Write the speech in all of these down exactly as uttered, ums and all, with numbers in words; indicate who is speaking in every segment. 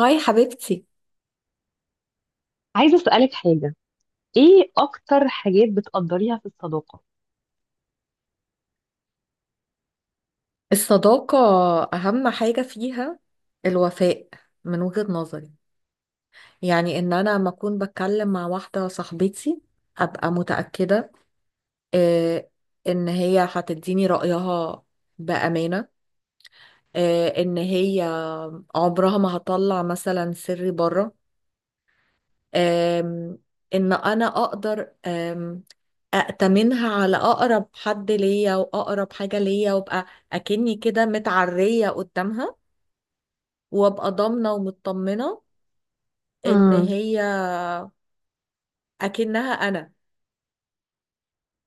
Speaker 1: هاي حبيبتي.
Speaker 2: عايزة أسألك حاجة. إيه أكتر حاجات بتقدريها في الصداقة؟
Speaker 1: الصداقة، أهم حاجة فيها الوفاء من وجهة نظري. يعني إن أنا لما أكون بتكلم مع واحدة صاحبتي أبقى متأكدة، آه، إن هي هتديني رأيها بأمانة، آه، إن هي عمرها ما هطلع مثلا سري بره، آم، إن أنا أقدر آم، أأتمنها على أقرب حد ليا وأقرب حاجة ليا، وأبقى أكني كده متعرية قدامها، وابقى ضامنة ومطمنة ان
Speaker 2: امم.
Speaker 1: هي اكنها انا.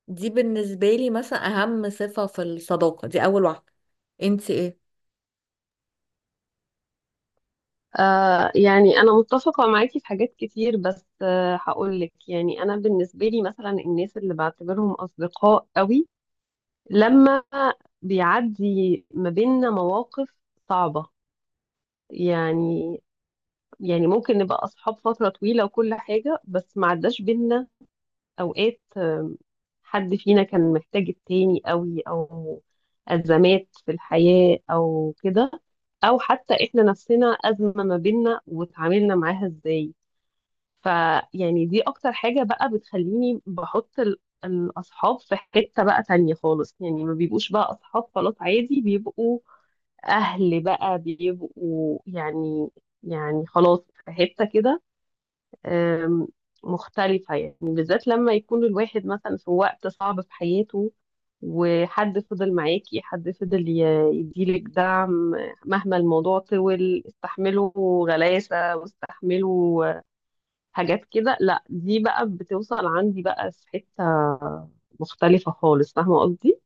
Speaker 1: دي بالنسبة لي مثلا اهم صفة في الصداقة، دي اول واحدة. انت ايه؟
Speaker 2: آه يعني أنا متفقة معاكي في حاجات كتير، بس آه هقول لك. يعني أنا بالنسبة لي مثلا الناس اللي بعتبرهم أصدقاء قوي لما بيعدي ما بيننا مواقف صعبة، يعني يعني ممكن نبقى أصحاب فترة طويلة وكل حاجة، بس ما عداش بينا أوقات آم، حد فينا كان محتاج التاني قوي، أو أزمات في الحياة أو كده، أو حتى إحنا نفسنا أزمة ما بيننا وتعاملنا معاها إزاي. فيعني دي أكتر حاجة بقى بتخليني بحط ال- الأصحاب في حتة بقى تانية خالص. يعني ما بيبقوش بقى أصحاب خلاص عادي، بيبقوا أهل بقى، بيبقوا يعني يعني خلاص في حتة كده آم، مختلفة. يعني بالذات لما يكون الواحد مثلا في وقت صعب في حياته وحد فضل معاكي، حد فضل ي- يديلك دعم مهما الموضوع طول، استحمله غلاسة، واستحمله حاجات كده. لا، دي بقى بتوصل عندي بقى في حتة مختلفة خالص. فاهمة قصدي؟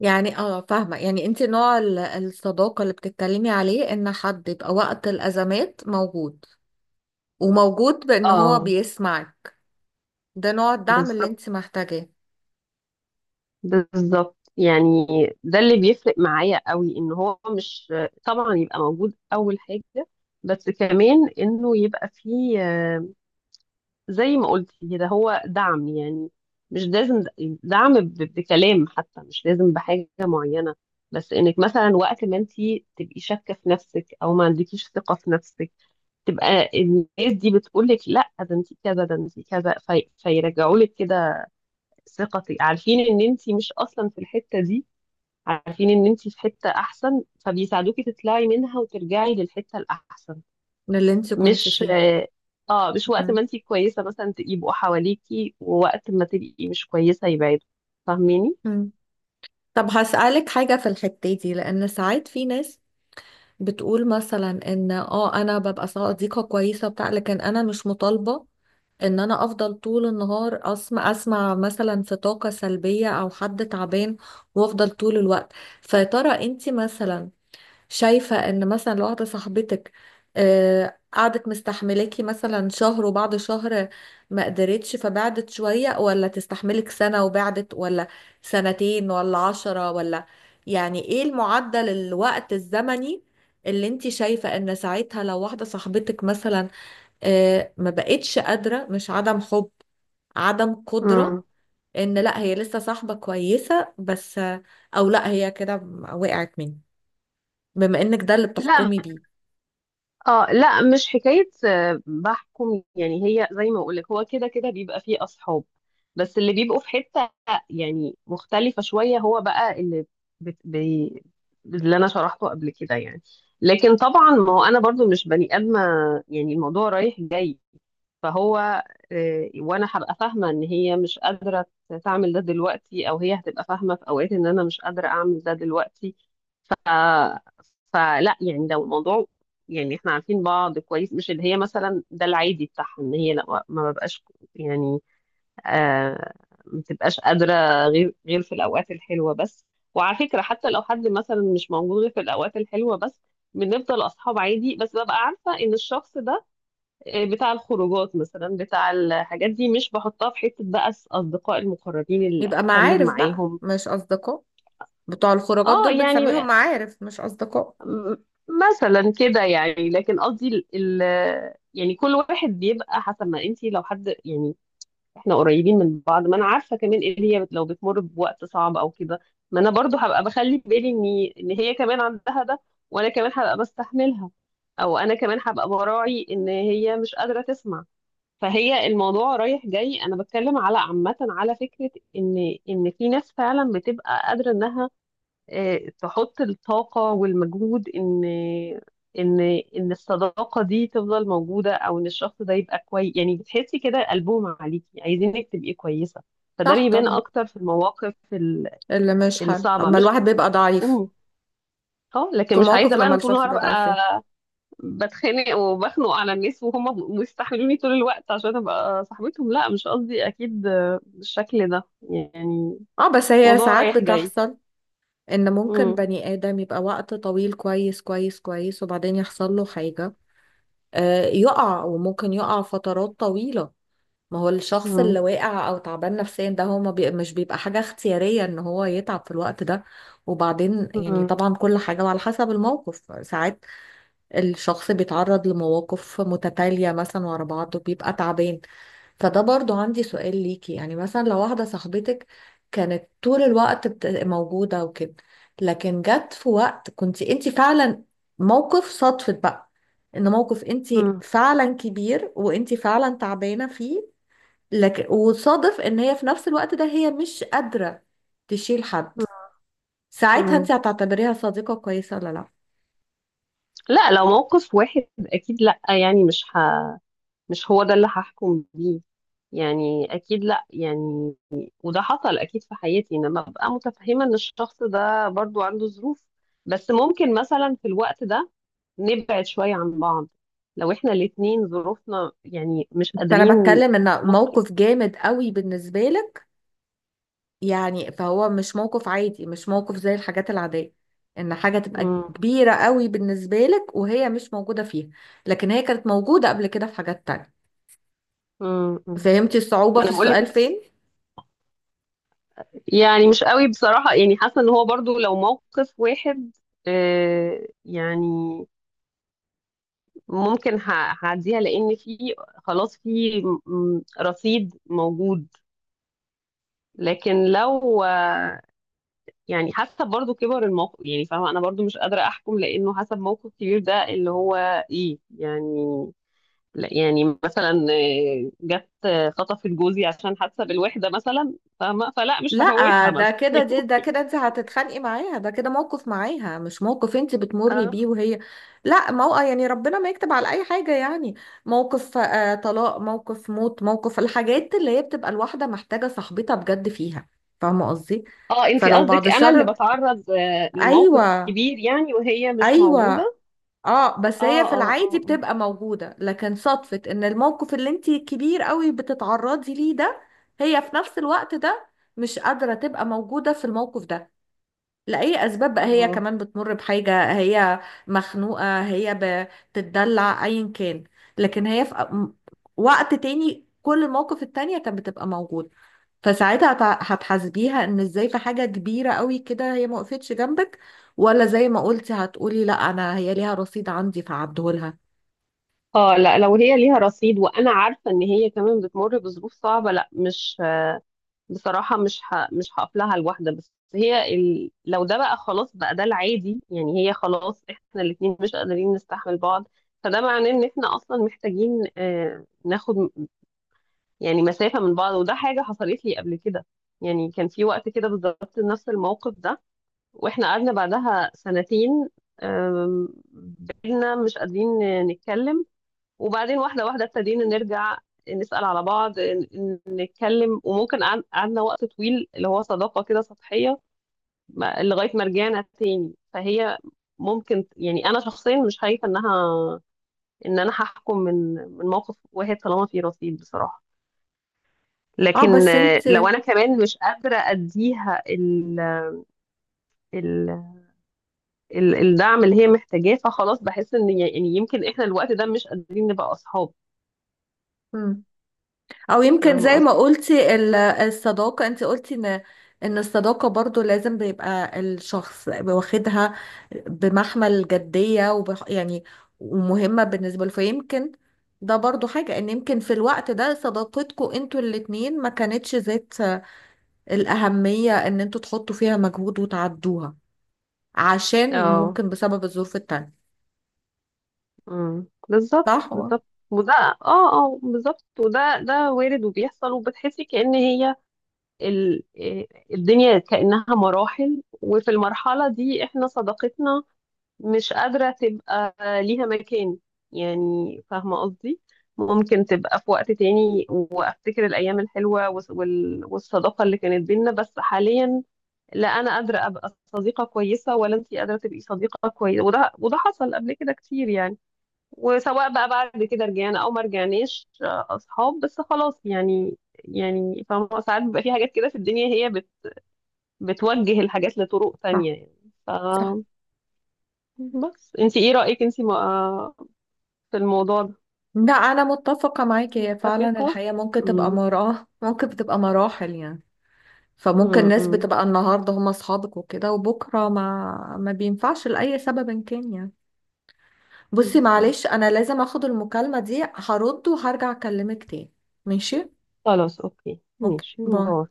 Speaker 1: يعني اه فاهمة، يعني انت نوع ال- الصداقة اللي بتتكلمي عليه، ان حد يبقى وقت الازمات موجود، وموجود بان هو
Speaker 2: اه،
Speaker 1: بيسمعك. ده نوع الدعم اللي
Speaker 2: بالظبط،
Speaker 1: انت محتاجاه،
Speaker 2: بالظبط. يعني ده اللي بيفرق معايا قوي، ان هو مش طبعا يبقى موجود اول حاجة، بس كمان انه يبقى فيه زي ما قلت كده، هو دعم يعني. مش لازم دعم ب- بكلام حتى، مش لازم بحاجة معينة، بس انك مثلا وقت ما انت تبقي شاكة في نفسك او ما عندكيش ثقة في نفسك، تبقى الناس دي بتقول لك: لا، ده انت كذا، ده انت كذا، في... فيرجعوا لك كده ثقتك. عارفين ان انت مش اصلا في الحتة دي، عارفين ان انت في حتة احسن، فبيساعدوكي تطلعي منها وترجعي للحتة الاحسن.
Speaker 1: من اللي انت كنت
Speaker 2: مش
Speaker 1: فيه.
Speaker 2: اه آه، مش وقت ما
Speaker 1: مهم.
Speaker 2: انت كويسة مثلا ت- يبقوا حواليكي، ووقت ما تبقي مش كويسة يبعدوا. فاهميني؟
Speaker 1: مم. طب هسألك حاجة في الحتة دي، لأن ساعات في ناس بتقول مثلا ان اه انا ببقى صديقة كويسة بتاع، لكن انا مش مطالبة ان انا افضل طول النهار اسمع اسمع مثلا في طاقة سلبية او حد تعبان وافضل طول الوقت. فيا ترى انت مثلا شايفة ان مثلا لو واحدة صاحبتك آه، قعدت مستحملاكي مثلا شهر، وبعد شهر ما قدرتش فبعدت شوية، ولا تستحملك سنة وبعدت، ولا سنتين ولا عشرة ولا... يعني ايه المعدل، الوقت الزمني اللي انت شايفة ان ساعتها لو واحدة صاحبتك مثلا آه، ما بقتش قادرة، مش عدم حب، عدم قدرة،
Speaker 2: امم.
Speaker 1: ان لا هي لسه صاحبة كويسة بس، او لا هي كده وقعت مني، بما انك ده اللي
Speaker 2: لا،
Speaker 1: بتحكمي بيه.
Speaker 2: اه لا، مش حكاية آه، بحكم. يعني هي زي ما اقولك، هو كده كده بيبقى فيه اصحاب، بس اللي بيبقوا في حتة يعني مختلفة شوية، هو بقى اللي بت... بي... اللي انا شرحته قبل كده يعني. لكن طبعا ما هو انا برضو مش بني ادمة، يعني الموضوع رايح جاي. فهو آه، وانا هبقى فاهمة ان هي مش قادرة تعمل ده دلوقتي، او هي هتبقى فاهمة في اوقات ان انا مش قادرة اعمل ده دلوقتي. آه، فلا يعني لو الموضوع، يعني احنا عارفين بعض كويس، مش اللي هي مثلا ده العادي بتاعها ان هي لا، ما ببقاش يعني آه ما بتبقاش قادرة غير غير في الأوقات الحلوة بس. وعلى فكرة، حتى لو حد مثلا مش موجود غير في الأوقات الحلوة بس، بنفضل أصحاب عادي، بس ببقى عارفة إن الشخص ده آه، بتاع الخروجات مثلا، بتاع الحاجات دي، مش بحطها في حتة بقى الأصدقاء المقربين اللي
Speaker 1: يبقى
Speaker 2: أتكلم
Speaker 1: معارف بقى
Speaker 2: معاهم.
Speaker 1: مش أصدقاء، بتوع الخروجات
Speaker 2: اه
Speaker 1: دول
Speaker 2: يعني،
Speaker 1: بنسميهم معارف مش أصدقاء.
Speaker 2: م- مثلا كده يعني. لكن قصدي ال... ال- يعني كل واحد بيبقى حسب ما انت، لو حد يعني احنا قريبين من بعض، ما انا عارفه كمان ان هي بت- لو بتمر بوقت صعب او كده، ما انا برضو هبقى بخلي بالي ان ان هي كمان عندها ده، وانا كمان هبقى بستحملها، او انا كمان هبقى براعي ان هي مش قادره تسمع. فهي الموضوع رايح جاي، انا بتكلم على عامه على فكره، ان ان في ناس فعلا بتبقى قادره انها آه، تحط الطاقة والمجهود إن إن إن الصداقة دي تفضل موجودة، أو إن الشخص ده يبقى كويس. يعني بتحسي كده قلبهم عليكي، عايزينك تبقي كويسة. فده
Speaker 1: صح
Speaker 2: بيبان
Speaker 1: طبعا،
Speaker 2: أكتر في المواقف ال-
Speaker 1: اللي مش حلو
Speaker 2: الصعبة،
Speaker 1: أما
Speaker 2: مش.
Speaker 1: الواحد بيبقى ضعيف،
Speaker 2: مم. اه، لكن
Speaker 1: في
Speaker 2: مش عايزة
Speaker 1: مواقف
Speaker 2: بقى
Speaker 1: لما
Speaker 2: أنا طول
Speaker 1: الشخص
Speaker 2: النهار
Speaker 1: بيبقى ضعيف فيها.
Speaker 2: أبقى بتخانق وبخنق على الناس وهم مستحملوني طول الوقت عشان أبقى صاحبتهم. لا، مش قصدي أكيد آه، بالشكل ده يعني،
Speaker 1: اه بس هي
Speaker 2: موضوع
Speaker 1: ساعات
Speaker 2: رايح جاي.
Speaker 1: بتحصل، إن ممكن
Speaker 2: مم.
Speaker 1: بني آدم يبقى وقت طويل كويس كويس كويس، وبعدين يحصل له حاجة، آه يقع، وممكن يقع فترات طويلة. ما هو الشخص
Speaker 2: مم.
Speaker 1: اللي واقع أو تعبان نفسيا ده هو ما بي... مش بيبقى حاجة اختيارية إن هو يتعب في الوقت ده. وبعدين يعني
Speaker 2: مم.
Speaker 1: طبعا كل حاجة وعلى حسب الموقف، ساعات الشخص بيتعرض لمواقف متتالية مثلا ورا بعض وبيبقى تعبان. فده برضو عندي سؤال ليكي، يعني مثلا لو واحدة صاحبتك كانت طول الوقت بت- موجودة وكده، لكن جت في وقت كنت انت فعلا... موقف صدفة بقى، ان موقف انت
Speaker 2: مم.
Speaker 1: فعلا كبير وانت فعلا تعبانة فيه، لكن وصادف ان هي في نفس الوقت ده هي مش قادرة تشيل حد، ساعتها
Speaker 2: مم.
Speaker 1: انت هتعتبريها صديقة كويسة ولا لا؟
Speaker 2: لا، لو موقف واحد اكيد لا. يعني مش ه... مش هو ده اللي هحكم بيه، يعني اكيد لا يعني. وده حصل اكيد في حياتي، انما ابقى متفهمه ان الشخص ده برضو عنده ظروف، بس ممكن مثلا في الوقت ده نبعد شويه عن بعض لو احنا الاتنين ظروفنا يعني مش
Speaker 1: بس انا
Speaker 2: قادرين،
Speaker 1: بتكلم ان
Speaker 2: ممكن.
Speaker 1: موقف جامد قوي بالنسبه لك، يعني فهو مش موقف عادي، مش موقف زي الحاجات العاديه، ان حاجه تبقى
Speaker 2: مم.
Speaker 1: كبيره قوي بالنسبه لك وهي مش موجوده فيها، لكن هي كانت موجوده قبل كده في حاجات تانية.
Speaker 2: مم. مم.
Speaker 1: فهمتي الصعوبه في
Speaker 2: انا
Speaker 1: السؤال
Speaker 2: بقول
Speaker 1: فين؟
Speaker 2: يعني مش قوي بصراحة، يعني حاسة ان هو برضو لو موقف واحد، آه، يعني ممكن ه- هعديها، لان في خلاص في م- رصيد موجود. لكن لو آه، يعني حسب برضو كبر الموقف يعني، فاهمة انا برضو مش قادرة احكم، لانه حسب موقف كبير ده اللي هو ايه يعني. لا، يعني مثلا آه، جت آه، خطفت جوزي عشان حاسه بالوحده مثلا، فاهمه؟ فلا، مش
Speaker 1: لا
Speaker 2: هفوتها
Speaker 1: ده
Speaker 2: مثلا.
Speaker 1: كده، دي ده كده انت هتتخانقي معاها، ده كده موقف معاها مش موقف انت بتمري بيه وهي... لا، موقف يعني ربنا ما يكتب على اي حاجة يعني، موقف آه طلاق، موقف موت، موقف الحاجات اللي هي بتبقى الواحدة محتاجة صاحبتها بجد فيها. فاهمة قصدي؟
Speaker 2: اه، انتي
Speaker 1: فلو بعد
Speaker 2: قصدك انا اللي
Speaker 1: الشر.
Speaker 2: بتعرض آه، لموقف
Speaker 1: ايوه،
Speaker 2: كبير يعني وهي مش
Speaker 1: ايوه.
Speaker 2: موجودة.
Speaker 1: اه بس هي
Speaker 2: اه،
Speaker 1: في
Speaker 2: اه،
Speaker 1: العادي
Speaker 2: اه، اه،
Speaker 1: بتبقى موجودة، لكن صدفة ان الموقف اللي انت كبير قوي بتتعرضي ليه ده، هي في نفس الوقت ده مش قادرة تبقى موجودة في الموقف ده، لأي أسباب بقى، هي
Speaker 2: اه،
Speaker 1: كمان بتمر بحاجة، هي مخنوقة، هي بتتدلع، أيا كان. لكن هي في م- وقت تاني كل المواقف التانية كانت بتبقى موجودة، فساعتها هت- هتحاسبيها إن إزاي في حاجة كبيرة قوي كده هي ما وقفتش جنبك، ولا زي ما قلتي هتقولي لا أنا هي ليها رصيد عندي فعبدهولها.
Speaker 2: اه، لا، لو هي ليها رصيد وانا عارفة ان هي كمان بتمر بظروف صعبة، لا مش. بصراحة مش ه... مش هقف لها لوحدها. بس هي ال... لو ده بقى خلاص بقى ده العادي يعني، هي خلاص احنا الاتنين مش قادرين نستحمل بعض، فده معناه ان احنا اصلا محتاجين آه، ناخد يعني مسافة من بعض. وده حاجة حصلت لي قبل كده. يعني كان في وقت كده بالظبط نفس الموقف ده، واحنا قعدنا بعدها سنتين. أم، بقينا مش قادرين نتكلم، وبعدين واحدة واحدة ابتدينا نرجع نسأل على بعض، ن- نتكلم، وممكن قعد- قعدنا وقت طويل اللي هو صداقة كده سطحية، ما- لغاية ما رجعنا تاني. فهي ممكن، يعني أنا شخصيا مش خايفة إنها إن أنا هحكم من من موقف واحد طالما في رصيد بصراحة.
Speaker 1: اه
Speaker 2: لكن
Speaker 1: بس
Speaker 2: آه،
Speaker 1: انت...
Speaker 2: لو أنا كمان مش قادرة أديها ال ال- الدعم اللي هي محتاجاه، فخلاص بحس ان ي- يعني يمكن احنا الوقت ده مش قادرين نبقى اصحاب.
Speaker 1: مم. او يمكن
Speaker 2: فاهمه
Speaker 1: زي ما
Speaker 2: قصدي؟
Speaker 1: قلتي ال- الصداقة، انت قلتي ان ان الصداقة برضو لازم بيبقى الشخص واخدها بمحمل جدية وبح يعني، ومهمة بالنسبة له، فيمكن ده برضو حاجة ان يمكن في الوقت ده صداقتكم انتوا الاتنين ما كانتش ذات الأهمية ان انتوا تحطوا فيها مجهود وتعدوها، عشان
Speaker 2: اه،
Speaker 1: ممكن بسبب الظروف التانية.
Speaker 2: امم، بالظبط،
Speaker 1: صح؟
Speaker 2: بالظبط. وده، اه، اه، بالظبط. وده ده وارد، وبيحصل، وبتحسي كأن هي ال... إيه، الدنيا كأنها مراحل، وفي المرحلة دي احنا صداقتنا مش قادرة تبقى ليها مكان. يعني فاهمة قصدي؟ ممكن تبقى في وقت تاني، وافتكر الأيام الحلوة والص- وال- والصداقة اللي كانت بينا، بس حاليا لا انا قادره ابقى صديقه كويسه، ولا انت قادره تبقي صديقه كويسه. وده وده حصل قبل كده كتير يعني. وسواء بقى بعد كده رجعنا او ما رجعناش آه، اصحاب، بس خلاص يعني. يعني فاهمة، ساعات بيبقى في حاجات كده في الدنيا هي بت بتوجه الحاجات لطرق
Speaker 1: صح.
Speaker 2: تانية يعني. ف
Speaker 1: صح.
Speaker 2: بس انت ايه رايك انت ما- آه، في الموضوع ده؟
Speaker 1: لا أنا متفقة معاكي، هي فعلا
Speaker 2: متفقه.
Speaker 1: الحياة ممكن تبقى
Speaker 2: امم،
Speaker 1: مراحل، ممكن بتبقى مراحل يعني. فممكن ناس
Speaker 2: امم،
Speaker 1: بتبقى النهارده هم اصحابك وكده، وبكره ما ما بينفعش لاي سبب كان يعني. بصي
Speaker 2: بالظبط.
Speaker 1: معلش انا لازم اخد المكالمه دي، هرد وهرجع اكلمك تاني. ماشي.
Speaker 2: خلاص، اوكي،
Speaker 1: اوكي
Speaker 2: ماشي،
Speaker 1: باي.
Speaker 2: باي.